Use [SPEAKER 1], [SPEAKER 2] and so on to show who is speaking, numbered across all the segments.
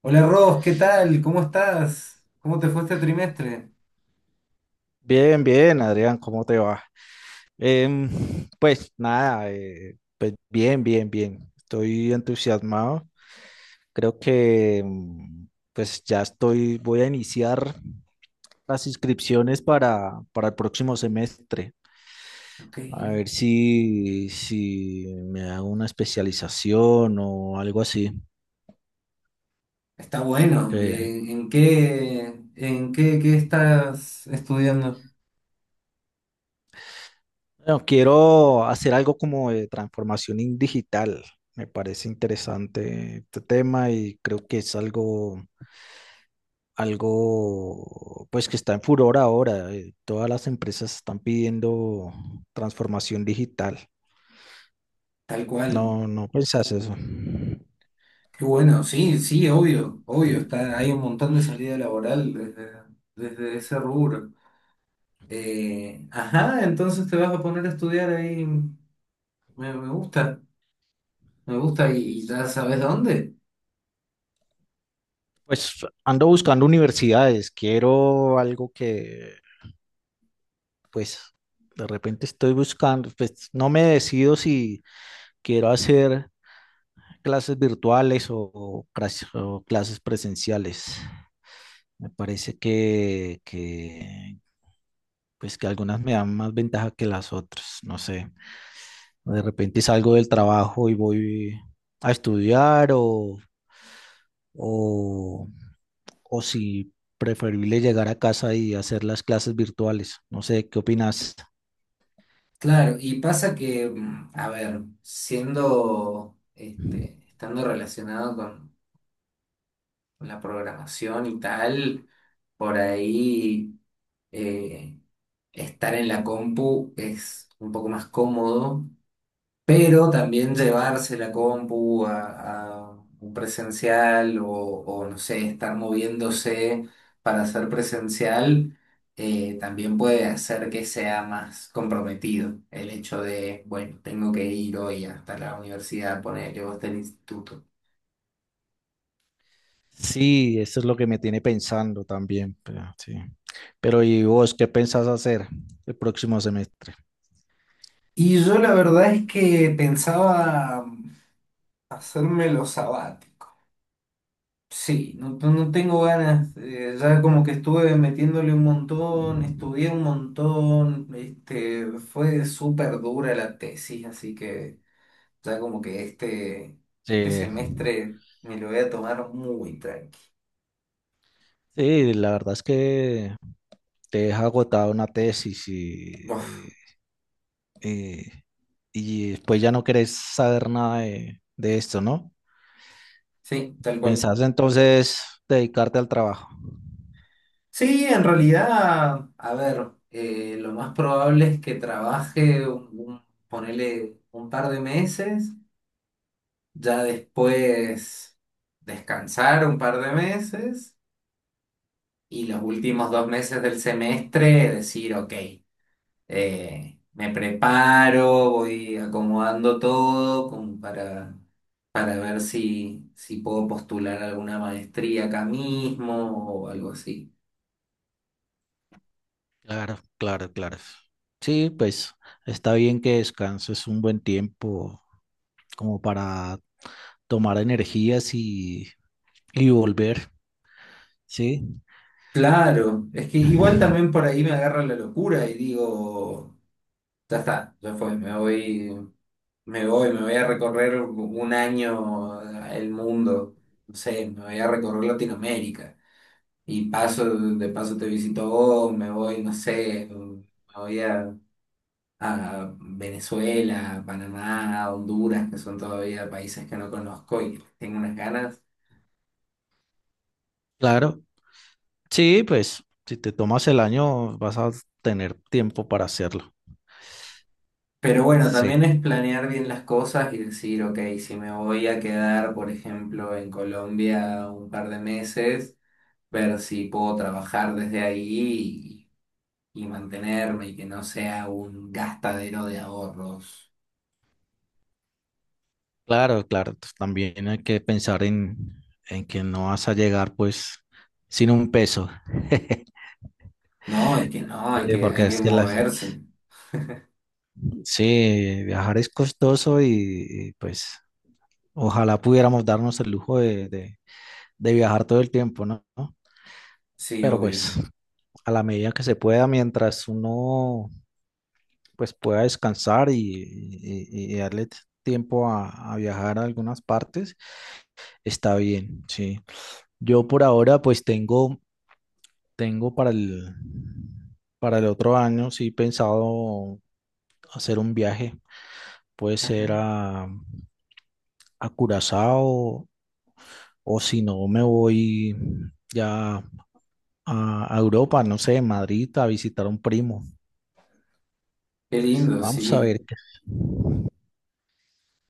[SPEAKER 1] Hola Ross, ¿qué tal? ¿Cómo estás? ¿Cómo te fue este trimestre?
[SPEAKER 2] Bien, bien, Adrián, ¿cómo te va? Em, pues nada, pues bien, bien, bien. Estoy entusiasmado. Creo que pues ya estoy, voy a iniciar las inscripciones para el próximo semestre.
[SPEAKER 1] Ok,
[SPEAKER 2] A ver si me hago una especialización o algo así.
[SPEAKER 1] está bueno.
[SPEAKER 2] Que,
[SPEAKER 1] ¿En qué, qué estás estudiando?
[SPEAKER 2] bueno, quiero hacer algo como de transformación digital. Me parece interesante este tema y creo que es algo pues que está en furor ahora. Todas las empresas están pidiendo transformación digital.
[SPEAKER 1] Tal cual.
[SPEAKER 2] No, no pensás eso.
[SPEAKER 1] Qué bueno, sí, sí, obvio, obvio.
[SPEAKER 2] Sí.
[SPEAKER 1] Está, hay un montón de salida laboral desde, desde ese rubro. Ajá, entonces te vas a poner a estudiar ahí. Me, me gusta, me gusta y ya sabes dónde.
[SPEAKER 2] Pues ando buscando universidades, quiero algo que pues de repente estoy buscando, pues no me decido si quiero hacer clases virtuales o, o clases presenciales. Me parece que pues que algunas me dan más ventaja que las otras, no sé. De repente salgo del trabajo y voy a estudiar o, o si preferible llegar a casa y hacer las clases virtuales. No sé, ¿qué opinas?
[SPEAKER 1] Claro, y pasa que, mm, a ver, siendo, este, estando relacionado con la programación y tal, por ahí eh, estar en la compu es un poco más cómodo, pero también llevarse la compu a un presencial o, no sé, estar moviéndose para hacer presencial, también puede hacer que sea más comprometido el hecho de, bueno, tengo que ir hoy hasta la universidad, ponerle o hasta el instituto.
[SPEAKER 2] Sí, eso es lo que me tiene pensando también. Pero, sí. Pero ¿y vos qué pensás hacer el próximo semestre?
[SPEAKER 1] Y yo la verdad es que pensaba hacerme los sabáticos. Sí, no, no tengo ganas, ya como que estuve metiéndole un montón, estudié un montón, este, fue súper dura la tesis, así que ya como que este
[SPEAKER 2] Sí,
[SPEAKER 1] semestre me lo voy a tomar muy tranqui.
[SPEAKER 2] sí, la verdad es que te deja agotada una tesis
[SPEAKER 1] Uf,
[SPEAKER 2] eh, eh, y después ya no querés saber nada de esto, ¿no?
[SPEAKER 1] sí, tal cual.
[SPEAKER 2] Pensás entonces dedicarte al trabajo.
[SPEAKER 1] Sí, en realidad, a ver, lo más probable es que trabaje, ponele un par de meses, ya después descansar un par de meses. Y los últimos 2 meses del semestre decir, ok, me preparo, voy acomodando todo como para ver si, si puedo postular alguna maestría acá mismo o algo así.
[SPEAKER 2] Claro, claro, claro. Sí, pues está bien que descanses un buen tiempo como para tomar energías y volver. Sí,
[SPEAKER 1] Claro, es que igual también por ahí me agarra la locura y digo, ya está, ya fue, me voy, me voy, me voy a recorrer 1 año el mundo, no sé, me voy a recorrer Latinoamérica. Y paso, de paso te visito vos, me voy, no sé, voy a, a Venezuela, Panamá, Honduras, que son todavía países que no conozco y que tengo unas ganas.
[SPEAKER 2] claro. Sí, pues si te tomas el año vas a tener tiempo para hacerlo.
[SPEAKER 1] Pero bueno,
[SPEAKER 2] Sí,
[SPEAKER 1] también es planear bien las cosas y decir, ok, si me voy a quedar, por ejemplo, en Colombia un par de meses, ver si puedo trabajar desde ahí y mantenerme y que no sea un gastadero de ahorros.
[SPEAKER 2] claro, claro. Pues, también hay que pensar en que no vas a llegar pues sin un peso.
[SPEAKER 1] No, es que no,
[SPEAKER 2] Sí, porque
[SPEAKER 1] hay que
[SPEAKER 2] es que
[SPEAKER 1] moverse.
[SPEAKER 2] Sí, viajar es costoso y, pues ojalá pudiéramos darnos el lujo de viajar todo el tiempo, ¿no? ¿No?
[SPEAKER 1] Sí,
[SPEAKER 2] Pero
[SPEAKER 1] obvio.
[SPEAKER 2] pues a la medida que se pueda, mientras uno pues pueda descansar y darle tiempo a viajar a algunas partes, está bien, sí. Yo por ahora pues tengo, tengo para para el otro año, sí, pensado hacer un viaje, puede ser
[SPEAKER 1] Ajá.
[SPEAKER 2] a Curazao. O si no, me voy ya a Europa, no sé, Madrid, a visitar a un primo.
[SPEAKER 1] Qué lindo,
[SPEAKER 2] Vamos a
[SPEAKER 1] sí.
[SPEAKER 2] ver qué.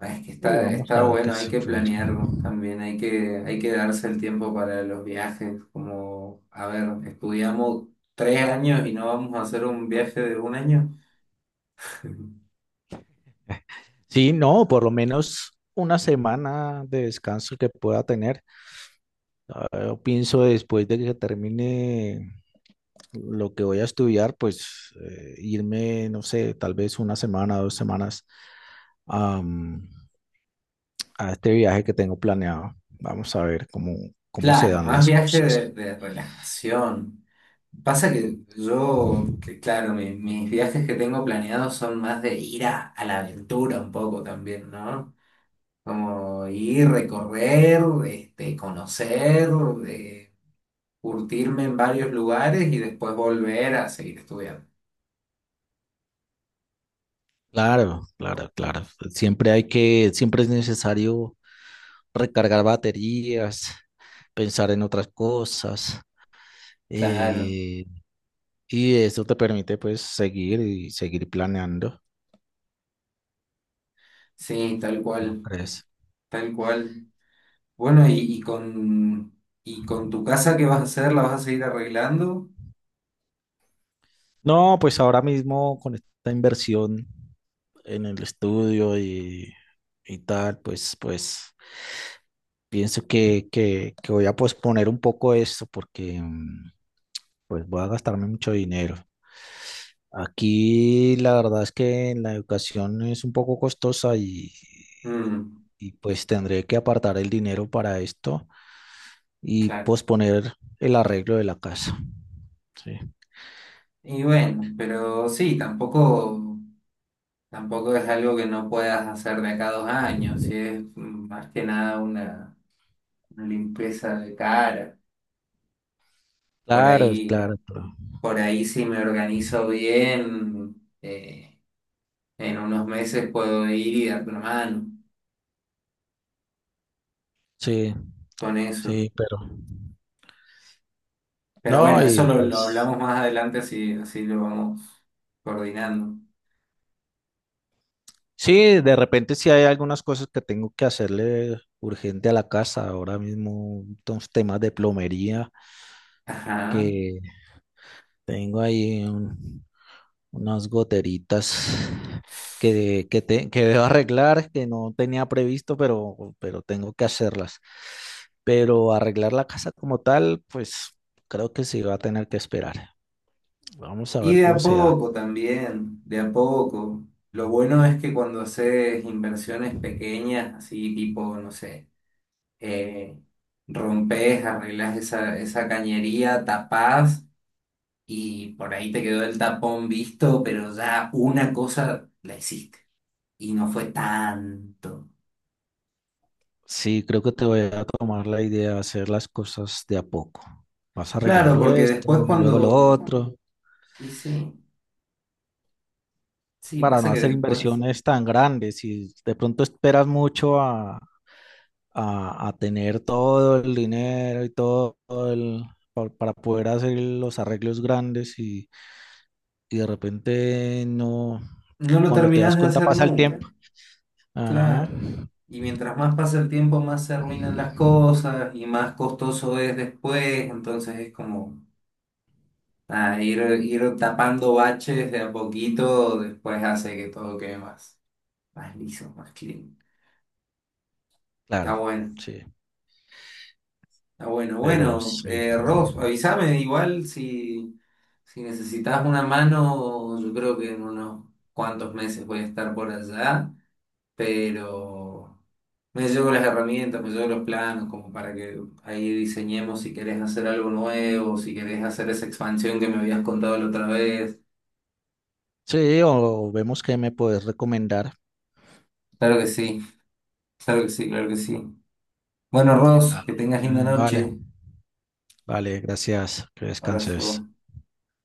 [SPEAKER 1] Ah, es que
[SPEAKER 2] Sí,
[SPEAKER 1] está,
[SPEAKER 2] vamos
[SPEAKER 1] está
[SPEAKER 2] a ver qué
[SPEAKER 1] bueno, hay
[SPEAKER 2] se
[SPEAKER 1] que
[SPEAKER 2] puede.
[SPEAKER 1] planearlo también, hay que darse el tiempo para los viajes, como, a ver, estudiamos 3 años y no vamos a hacer un viaje de 1 año.
[SPEAKER 2] Sí, no, por lo menos una semana de descanso que pueda tener. Ah, yo pienso después de que termine lo que voy a estudiar, pues irme, no sé, tal vez una semana, dos semanas a, a este viaje que tengo planeado. Vamos a ver cómo, cómo se
[SPEAKER 1] Claro,
[SPEAKER 2] dan
[SPEAKER 1] más
[SPEAKER 2] las
[SPEAKER 1] viaje
[SPEAKER 2] cosas.
[SPEAKER 1] de relajación. Pasa que yo, que claro, mis viajes que tengo planeados son más de ir a la aventura un poco también, ¿no? Como ir, recorrer, este, conocer, eh, curtirme en varios lugares y después volver a seguir estudiando.
[SPEAKER 2] Claro, claro, claro. Siempre hay que, siempre es necesario recargar baterías, pensar en otras cosas,
[SPEAKER 1] Claro.
[SPEAKER 2] eh, y eso te permite pues seguir y seguir planeando,
[SPEAKER 1] Sí, tal
[SPEAKER 2] ¿no
[SPEAKER 1] cual,
[SPEAKER 2] crees?
[SPEAKER 1] tal cual. Bueno, y, y con tu casa, ¿qué vas a hacer? ¿La vas a seguir arreglando?
[SPEAKER 2] No, pues ahora mismo con esta inversión en el estudio y tal, pues, pues pienso que voy a posponer un poco esto porque pues voy a gastarme mucho dinero. Aquí la verdad es que la educación es un poco costosa
[SPEAKER 1] Mm,
[SPEAKER 2] y pues tendré que apartar el dinero para esto y
[SPEAKER 1] claro.
[SPEAKER 2] posponer el arreglo de la casa. Sí.
[SPEAKER 1] Y bueno, pero sí, tampoco, tampoco es algo que no puedas hacer de acá a 2 años, sí, es mm, más que nada una, una limpieza de cara. Por
[SPEAKER 2] Claro,
[SPEAKER 1] ahí,
[SPEAKER 2] claro, pero
[SPEAKER 1] por ahí si me organizo bien. eh, En unos meses puedo ir y dar una mano
[SPEAKER 2] sí,
[SPEAKER 1] con eso.
[SPEAKER 2] sí, pero
[SPEAKER 1] Pero
[SPEAKER 2] no,
[SPEAKER 1] bueno, eso
[SPEAKER 2] y
[SPEAKER 1] lo
[SPEAKER 2] pues
[SPEAKER 1] hablamos más adelante, así, así lo vamos coordinando.
[SPEAKER 2] sí, de repente sí hay algunas cosas que tengo que hacerle urgente a la casa, ahora mismo unos temas de plomería
[SPEAKER 1] Ajá.
[SPEAKER 2] que tengo ahí unas goteritas que, que debo arreglar, que no tenía previsto, pero tengo que hacerlas. Pero arreglar la casa como tal, pues creo que sí va a tener que esperar. Vamos a
[SPEAKER 1] Y
[SPEAKER 2] ver
[SPEAKER 1] de a
[SPEAKER 2] cómo se da.
[SPEAKER 1] poco también, de a poco. Lo bueno es que cuando haces inversiones pequeñas, así tipo, no sé, eh, rompes, arreglas esa, esa cañería, tapás y por ahí te quedó el tapón visto, pero ya una cosa la hiciste y no fue tanto.
[SPEAKER 2] Sí, creo que te voy a tomar la idea de hacer las cosas de a poco. Vas
[SPEAKER 1] Claro,
[SPEAKER 2] arreglando
[SPEAKER 1] porque
[SPEAKER 2] esto,
[SPEAKER 1] después
[SPEAKER 2] luego lo
[SPEAKER 1] cuando...
[SPEAKER 2] otro,
[SPEAKER 1] Y sí, sí,
[SPEAKER 2] para
[SPEAKER 1] pasa
[SPEAKER 2] no
[SPEAKER 1] que
[SPEAKER 2] hacer
[SPEAKER 1] después
[SPEAKER 2] inversiones tan grandes. Si de pronto esperas mucho a tener todo el dinero y todo el, para poder hacer los arreglos grandes y de repente no,
[SPEAKER 1] no lo
[SPEAKER 2] cuando te das
[SPEAKER 1] terminás de
[SPEAKER 2] cuenta
[SPEAKER 1] hacer
[SPEAKER 2] pasa el
[SPEAKER 1] nunca,
[SPEAKER 2] tiempo. Ajá,
[SPEAKER 1] claro. Y mientras más pasa el tiempo, más se arruinan las cosas y más costoso es después, entonces es como nada, ir, ir tapando baches de a poquito, después hace que todo quede más, más liso, más clean.
[SPEAKER 2] claro,
[SPEAKER 1] Está bueno.
[SPEAKER 2] sí,
[SPEAKER 1] Ah, bueno,
[SPEAKER 2] pero
[SPEAKER 1] bueno,
[SPEAKER 2] sí.
[SPEAKER 1] Ross, avísame igual si, si necesitas una mano, yo creo que en unos cuantos meses voy a estar por allá, pero me llevo las herramientas, me llevo los planos, como para que ahí diseñemos si querés hacer algo nuevo, si querés hacer esa expansión que me habías contado la otra vez.
[SPEAKER 2] Sí, o vemos qué me puedes recomendar.
[SPEAKER 1] Claro que sí, claro que sí, claro que sí. Bueno, Ross,
[SPEAKER 2] Ah,
[SPEAKER 1] que tengas linda
[SPEAKER 2] vale,
[SPEAKER 1] noche.
[SPEAKER 2] vale, gracias, que descanses.
[SPEAKER 1] Abrazo.